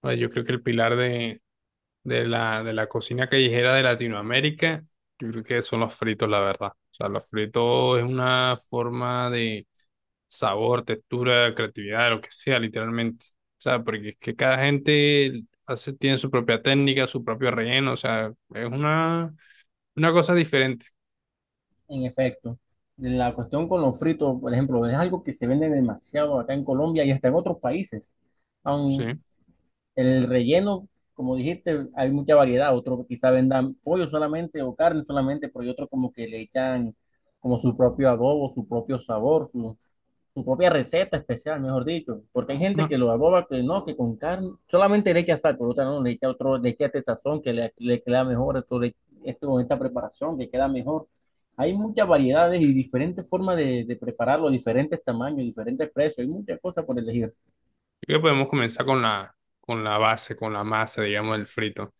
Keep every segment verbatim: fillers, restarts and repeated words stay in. Bueno, yo creo que el pilar de, de la, de la cocina callejera de Latinoamérica, yo creo que son los fritos, la verdad. O sea, los fritos es una forma de sabor, textura, creatividad, lo que sea, literalmente. O sea, porque es que cada gente hace, tiene su propia técnica, su propio relleno, o sea, es una, una cosa diferente, En efecto, la cuestión con los fritos, por ejemplo, es algo que se vende demasiado acá en Colombia y hasta en otros países. ¿sí? Aun el relleno, como dijiste, hay mucha variedad. Otros quizá vendan pollo solamente o carne solamente, pero hay otros como que le echan como su propio adobo, su propio sabor, su, su propia receta especial, mejor dicho, porque hay No, gente que lo yo aboba que no, que con carne, solamente le echa sal, por otra no, le echa otro, le echa este sazón que le, le queda mejor, esto, le- esto con esta preparación que queda mejor. Hay muchas variedades y diferentes formas de, de prepararlo, diferentes tamaños, diferentes precios, hay muchas cosas por elegir. creo que podemos comenzar con la, con la base, con la masa, digamos, del frito.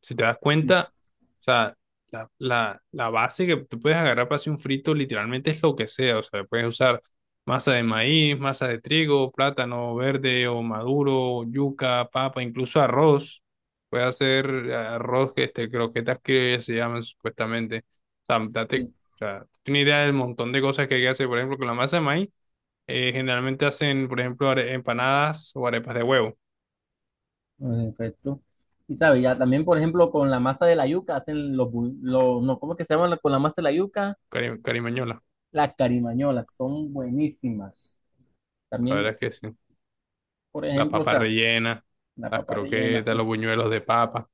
Si te das Sí, cuenta, o sea, la, la, la base que tú puedes agarrar para hacer un frito literalmente es lo que sea. O sea, puedes usar masa de maíz, masa de trigo, plátano verde o maduro, yuca, papa, incluso arroz. Puedes hacer arroz, que este, croquetas que se llaman supuestamente. O sea, date, sí, o sea, tienes idea del montón de cosas que hay que hacer. Por ejemplo, con la masa de maíz, eh, generalmente hacen, por ejemplo, are- empanadas o arepas de huevo, en efecto. Y sabe, ya también, por ejemplo, con la masa de la yuca hacen los, bu- los no, ¿cómo es que se llaman con la masa de la yuca? cari- carimañola. Las carimañolas, son buenísimas. La verdad También, es que sí. por Las ejemplo, o papas sea, rellenas, una las papa rellena. croquetas, Uf. los buñuelos de papa.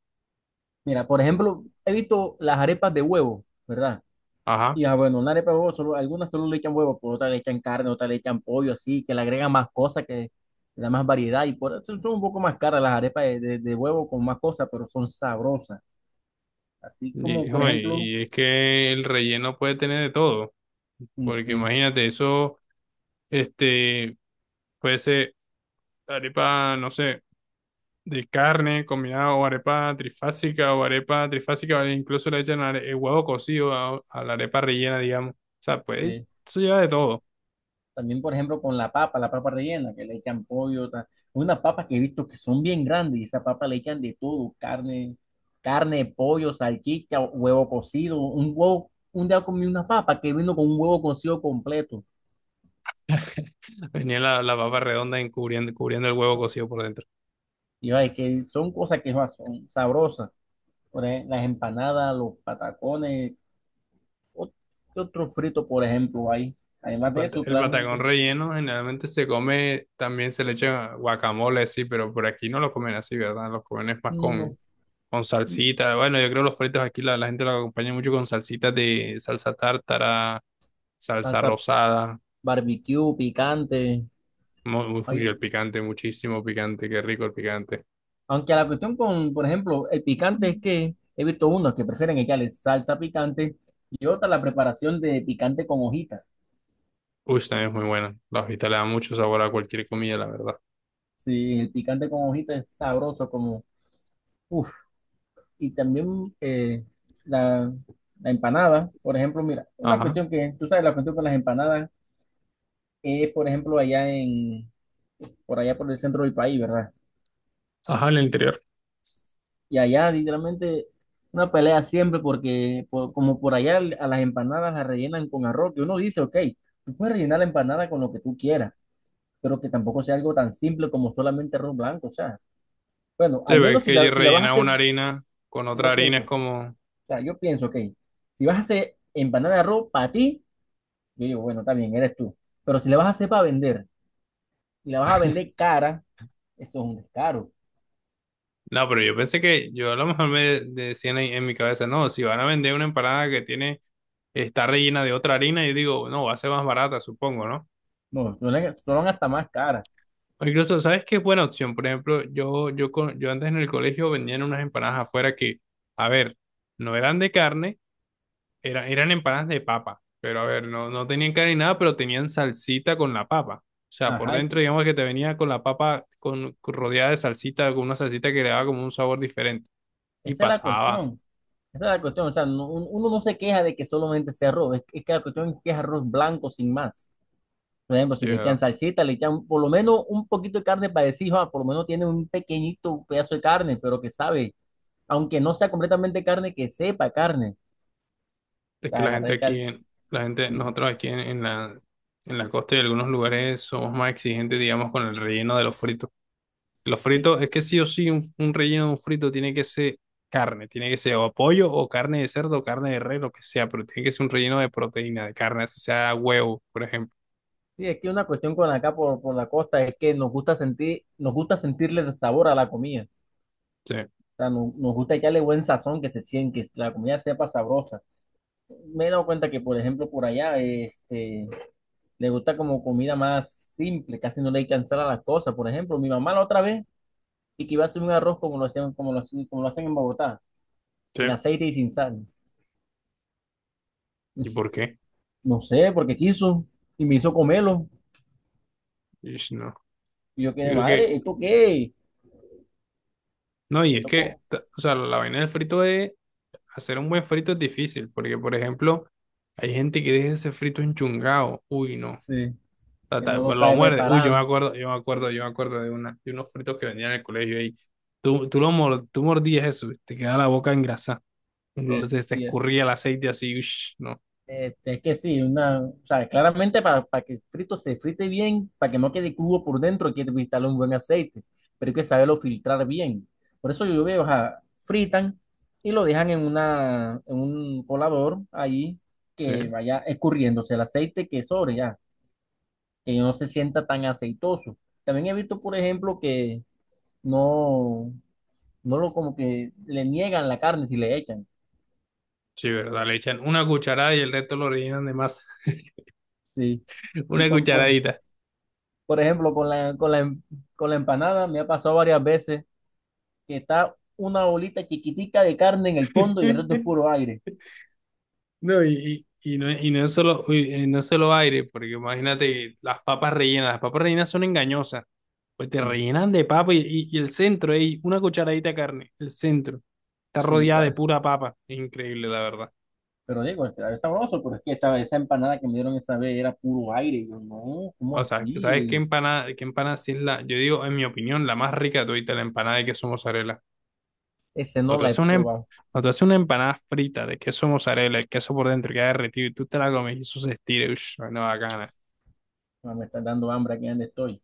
Mira, por ejemplo, he visto las arepas de huevo, ¿verdad? Ajá. Y ah, bueno, una arepa de huevo, solo, algunas solo le echan huevo, por otras le echan carne, otras le echan pollo, así, que le agregan más cosas, que le da más variedad. Y por eso son un poco más caras las arepas de, de- de huevo con más cosas, pero son sabrosas. Así Y, como, por hijo, ejemplo, y es que el relleno puede tener de todo, mm, porque sí. imagínate, eso, este, puede ser arepa, no sé, de carne combinada o arepa trifásica o arepa trifásica, o incluso le echan are- el huevo cocido a, a la arepa rellena, digamos. O sea, pues Sí, eso lleva de todo. también, por ejemplo, con la papa, la papa rellena, que le echan pollo, ta- unas papas que he visto que son bien grandes y esa papa le echan de todo, carne, carne, pollo, salchicha, huevo cocido, un huevo, un día comí una papa que vino con un huevo cocido completo. Venía la, la papa redonda encubriendo, cubriendo el huevo cocido por dentro. Y ay, que son cosas que ah, son sabrosas. Por ej- las empanadas, los patacones, ot- ¿qué otro frito, por ejemplo, hay? El, Además de pant- eso, El patacón claramente, relleno generalmente se come, también se le echa guacamole, sí, pero por aquí no lo comen así, ¿verdad? Los comen es más con, no, con salsita. Bueno, yo creo que los fritos aquí la, la gente lo acompaña mucho con salsitas de salsa tártara, salsa pasa rosada. barbecue, picante. Mu- Uy, Hay el picante, muchísimo picante, qué rico el picante. Aunque la cuestión con, por ejemplo, el picante es que he visto unos que prefieren echarle salsa picante y otra la preparación de picante con hojitas. Uy, también es muy buena. La hojita le da mucho sabor a cualquier comida, la verdad. Sí, el picante con hojitas es sabroso como, uff. Y también eh, la, la empanada, por ejemplo, mira, una Ajá, cuestión que, tú sabes, la cuestión con las empanadas es, por ejemplo, allá en, por allá por el centro del país, ¿verdad? ajá, en el interior. Y allá, literalmente, una pelea siempre porque, por- como por allá a las empanadas las rellenan con arroz, que uno dice, ok, tú puedes rellenar la empanada con lo que tú quieras, pero que tampoco sea algo tan simple como solamente arroz blanco, o sea, bueno, Sí, al pero es menos si que ella la, si la vas a rellena hacer, una harina con si otra yo harina, pienso, es o como... sea, yo pienso, ok, si vas a hacer empanada de arroz para ti, yo digo, bueno, está bien, eres tú, pero si la vas a hacer para vender, y la vas a vender cara, eso es un descaro, No, pero yo pensé que yo a lo mejor me decían en, en mi cabeza, no, si van a vender una empanada que tiene, está rellena de otra harina, yo digo, no, va a ser más barata, supongo, ¿no? no, son son hasta más caras, O incluso, ¿sabes qué es buena opción? Por ejemplo, yo, yo, con- yo antes en el colegio vendían unas empanadas afuera que, a ver, no eran de carne, era, eran empanadas de papa, pero a ver, no, no tenían carne ni nada, pero tenían salsita con la papa. O sea, por ajá, y dentro, que- digamos que te venía con la papa con, rodeada de salsita, con una salsita que le daba como un sabor diferente. Y esa es la pasaba. cuestión. Esa es la cuestión, o sea, no- un- uno no se queja de que solamente sea arroz, es, es que la cuestión es que es arroz blanco sin más. Por ejemplo, Sí, si le echan salsita, le echan por lo menos un poquito de carne para decir, "Ah, por lo menos tiene un pequeñito pedazo de carne, pero que sabe, aunque no sea completamente carne, que sepa carne. O es que sea, la gente agarré aquí, cal- en- la gente, sí. nosotros aquí en, en la, en la costa y algunos lugares somos más exigentes, digamos, con el relleno de los fritos. Los Y- fritos, es que sí o sí, un, un relleno de un frito tiene que ser carne, tiene que ser o pollo o carne de cerdo o carne de res, lo que sea, pero tiene que ser un relleno de proteína, de carne, así sea huevo, por ejemplo. sí, es que una cuestión con acá por, por la costa es que nos gusta sentir, nos gusta sentirle el sabor a la comida. O Sí, sea, nos, nos gusta echarle buen sazón, que se siente, que la comida sepa sabrosa. Me he dado cuenta que, por ejemplo, por allá, este le gusta como comida más simple, casi no le echan sal a las cosas. Por ejemplo, mi mamá la otra vez y que iba a hacer un arroz como lo hacían, como lo, hacen como lo hacen en Bogotá, sí. sin aceite y sin sal. ¿Y por qué? No sé, porque quiso y me hizo comerlo. Ish, no. Y yo Yo quedé, creo que, madre, ¿esto qué? no, y Me es que, tocó. t- o sea, la vaina del frito es, hacer un buen frito es difícil, porque, por ejemplo, hay gente que deja ese frito enchungado. Uy, no. Sí, Ta, que ta, no lo lo sabe muerde. Uy, yo me preparar. acuerdo, yo me acuerdo, yo me acuerdo de, una, de unos fritos que vendían en el colegio ahí. Tú, tú, lo mor- tú mordías eso, te quedaba la boca engrasada. Es- Se te y- escurría el aceite así, ush, no. Este, es que sí, una, o sea, claramente para, para que el frito se frite bien, para que no quede cubo por dentro, hay que instalar un buen aceite, pero hay que saberlo filtrar bien. Por eso yo veo, o sea, fritan y lo dejan en una, en un colador ahí Sí, que vaya escurriéndose el aceite que sobre ya, que no se sienta tan aceitoso. También he visto, por ejemplo, que no, no lo como que le niegan la carne si le echan, sí, verdad. Le echan una cucharada y el resto lo rellenan de masa. sí. Y Una con, por, cucharadita. Por ejemplo, con la, con la, em- Con la empanada me ha pasado varias veces que está una bolita chiquitica de carne en el fondo y el resto es puro aire. No, y, y, y no, y no es solo, uy, eh, no es solo aire, porque imagínate las papas rellenas. Las papas rellenas son engañosas. Pues te Sí, rellenan de papa y, y- y el centro, ey, una cucharadita de carne, el centro. Está sí, rodeada de la- pura papa. Increíble, la verdad. pero digo, es que es sabroso, pero es que esa, esa empanada que me dieron esa vez era puro aire. Y yo, no, ¿cómo O así? sea, ¿sabes qué Y empanada, ¿qué empanada sí es la, yo digo, en mi opinión, la más rica de todita, la empanada de queso mozzarella? ese O no tú la he haces una, em- probado. o tú haces una empanada frita de queso mozzarella, el queso por dentro queda derretido y tú te la comes y eso se estira, ush, no, bacana. Ah, me está dando hambre aquí donde estoy.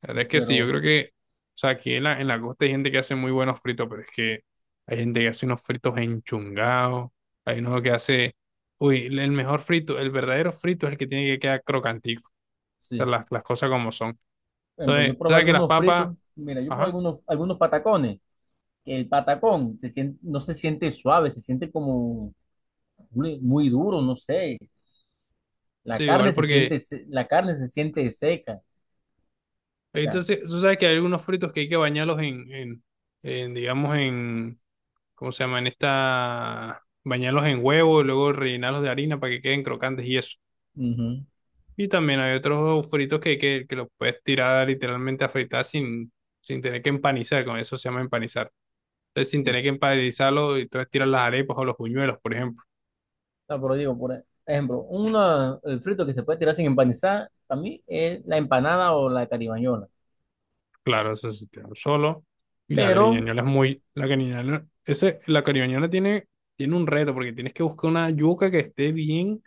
La verdad es que sí, yo Pero creo que, o sea, aquí en la, en la costa hay gente que hace muy buenos fritos, pero es que hay gente que hace unos fritos enchungados, hay uno que hace, uy, el el mejor frito, el verdadero frito es el que tiene que quedar crocantico, o sea, sí, las, las cosas como son. por ejemplo, Entonces, yo tú probé sabes que las algunos papas, fritos. Mira, yo probé ajá, algunos, algunos patacones. Que el patacón se sien- no se siente suave, se siente como muy muy duro, no sé. sí, La carne igual se porque, siente, se- la carne se siente seca. Ya entonces, tú sabes que hay algunos fritos que hay que bañarlos en, en, en, digamos, en, ¿cómo se llama? En esta, bañarlos en huevo y luego rellenarlos de harina para que queden crocantes y eso. ujú. Y también hay otros fritos que, que, que los puedes tirar literalmente a fritar sin, sin tener que empanizar, con eso se llama empanizar. Entonces, sin Sí. tener que empanizarlo, y entonces tiras las arepas o los buñuelos, por ejemplo. No, pero digo, por ejemplo, una, el frito que se puede tirar sin empanizar, para mí es la empanada o la caribañola. Claro, eso se tira solo. Y la Pero, cariñañola es muy. La cariñañola, ese, la cariñañola tiene, tiene un reto, porque tienes que buscar una yuca que esté bien,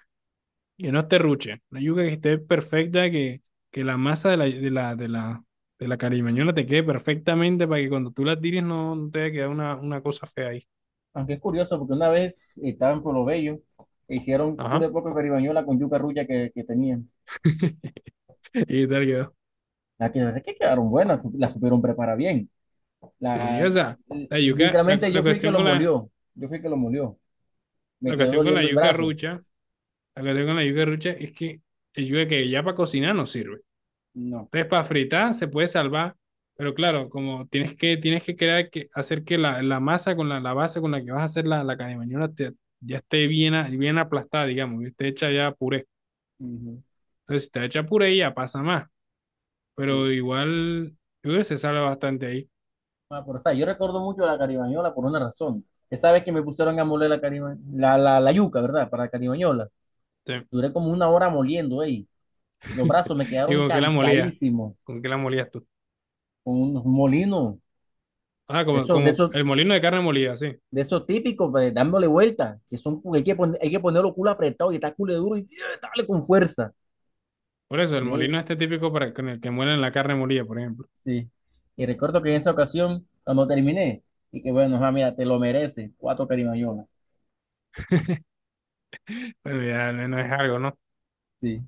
que no esté ruche. Una yuca que esté perfecta, que, que la masa de la, de la, de la, de la cariñañola te quede perfectamente para que cuando tú la tires no, no te vaya a quedar una, una cosa fea ahí. aunque es curioso, porque una vez estaba en Pueblo Bello, e hicieron Ajá. cule poco caribañola con yuca rulla que, que tenían. Y tal quedó. La que, la que quedaron buenas, la supieron preparar bien. Sí, La, o sea, la yuca, la, cu- Literalmente la yo fui el que cuestión lo con la, molió. Yo fui el que lo molió. la Me quedó cuestión con la doliendo el yuca brazo. rucha, la cuestión con la yuca rucha es que el yuca que ya para cocinar no sirve. No. Entonces, para fritar se puede salvar, pero claro, como tienes que, tienes que crear que, hacer que la, la masa con la, la base con la que vas a hacer la, la carne te- ya esté bien, a- bien aplastada, digamos, que esté hecha ya puré. Ujú. Entonces, si está hecha puré, ya pasa más. Pero Sí. igual, yo creo que se salva bastante ahí. Ah, pero, o sea, yo recuerdo mucho la caribañola por una razón. Esa vez que me pusieron a moler la, cariba- la, la, la yuca, ¿verdad? Para la caribañola. Sí. Duré como una hora moliendo ahí. Los brazos me ¿Y quedaron con qué la molías? cansadísimos ¿Con qué la molías tú? con unos molinos Ah, de como, esos, de como esos, el molino de carne molida, sí. de esos típicos, pues, dándole vuelta, que son, hay que, pon- hay que ponerlo culo apretado y está culo duro y ¡sí! Dale con fuerza. Por eso, el molino De- este típico para con el que muelen la carne molida, por ejemplo. sí. Y recuerdo que en esa ocasión, cuando terminé, y que bueno, ah, mira, te lo mereces, cuatro caribañolas. Pero ya no no es algo, ¿no? Sí.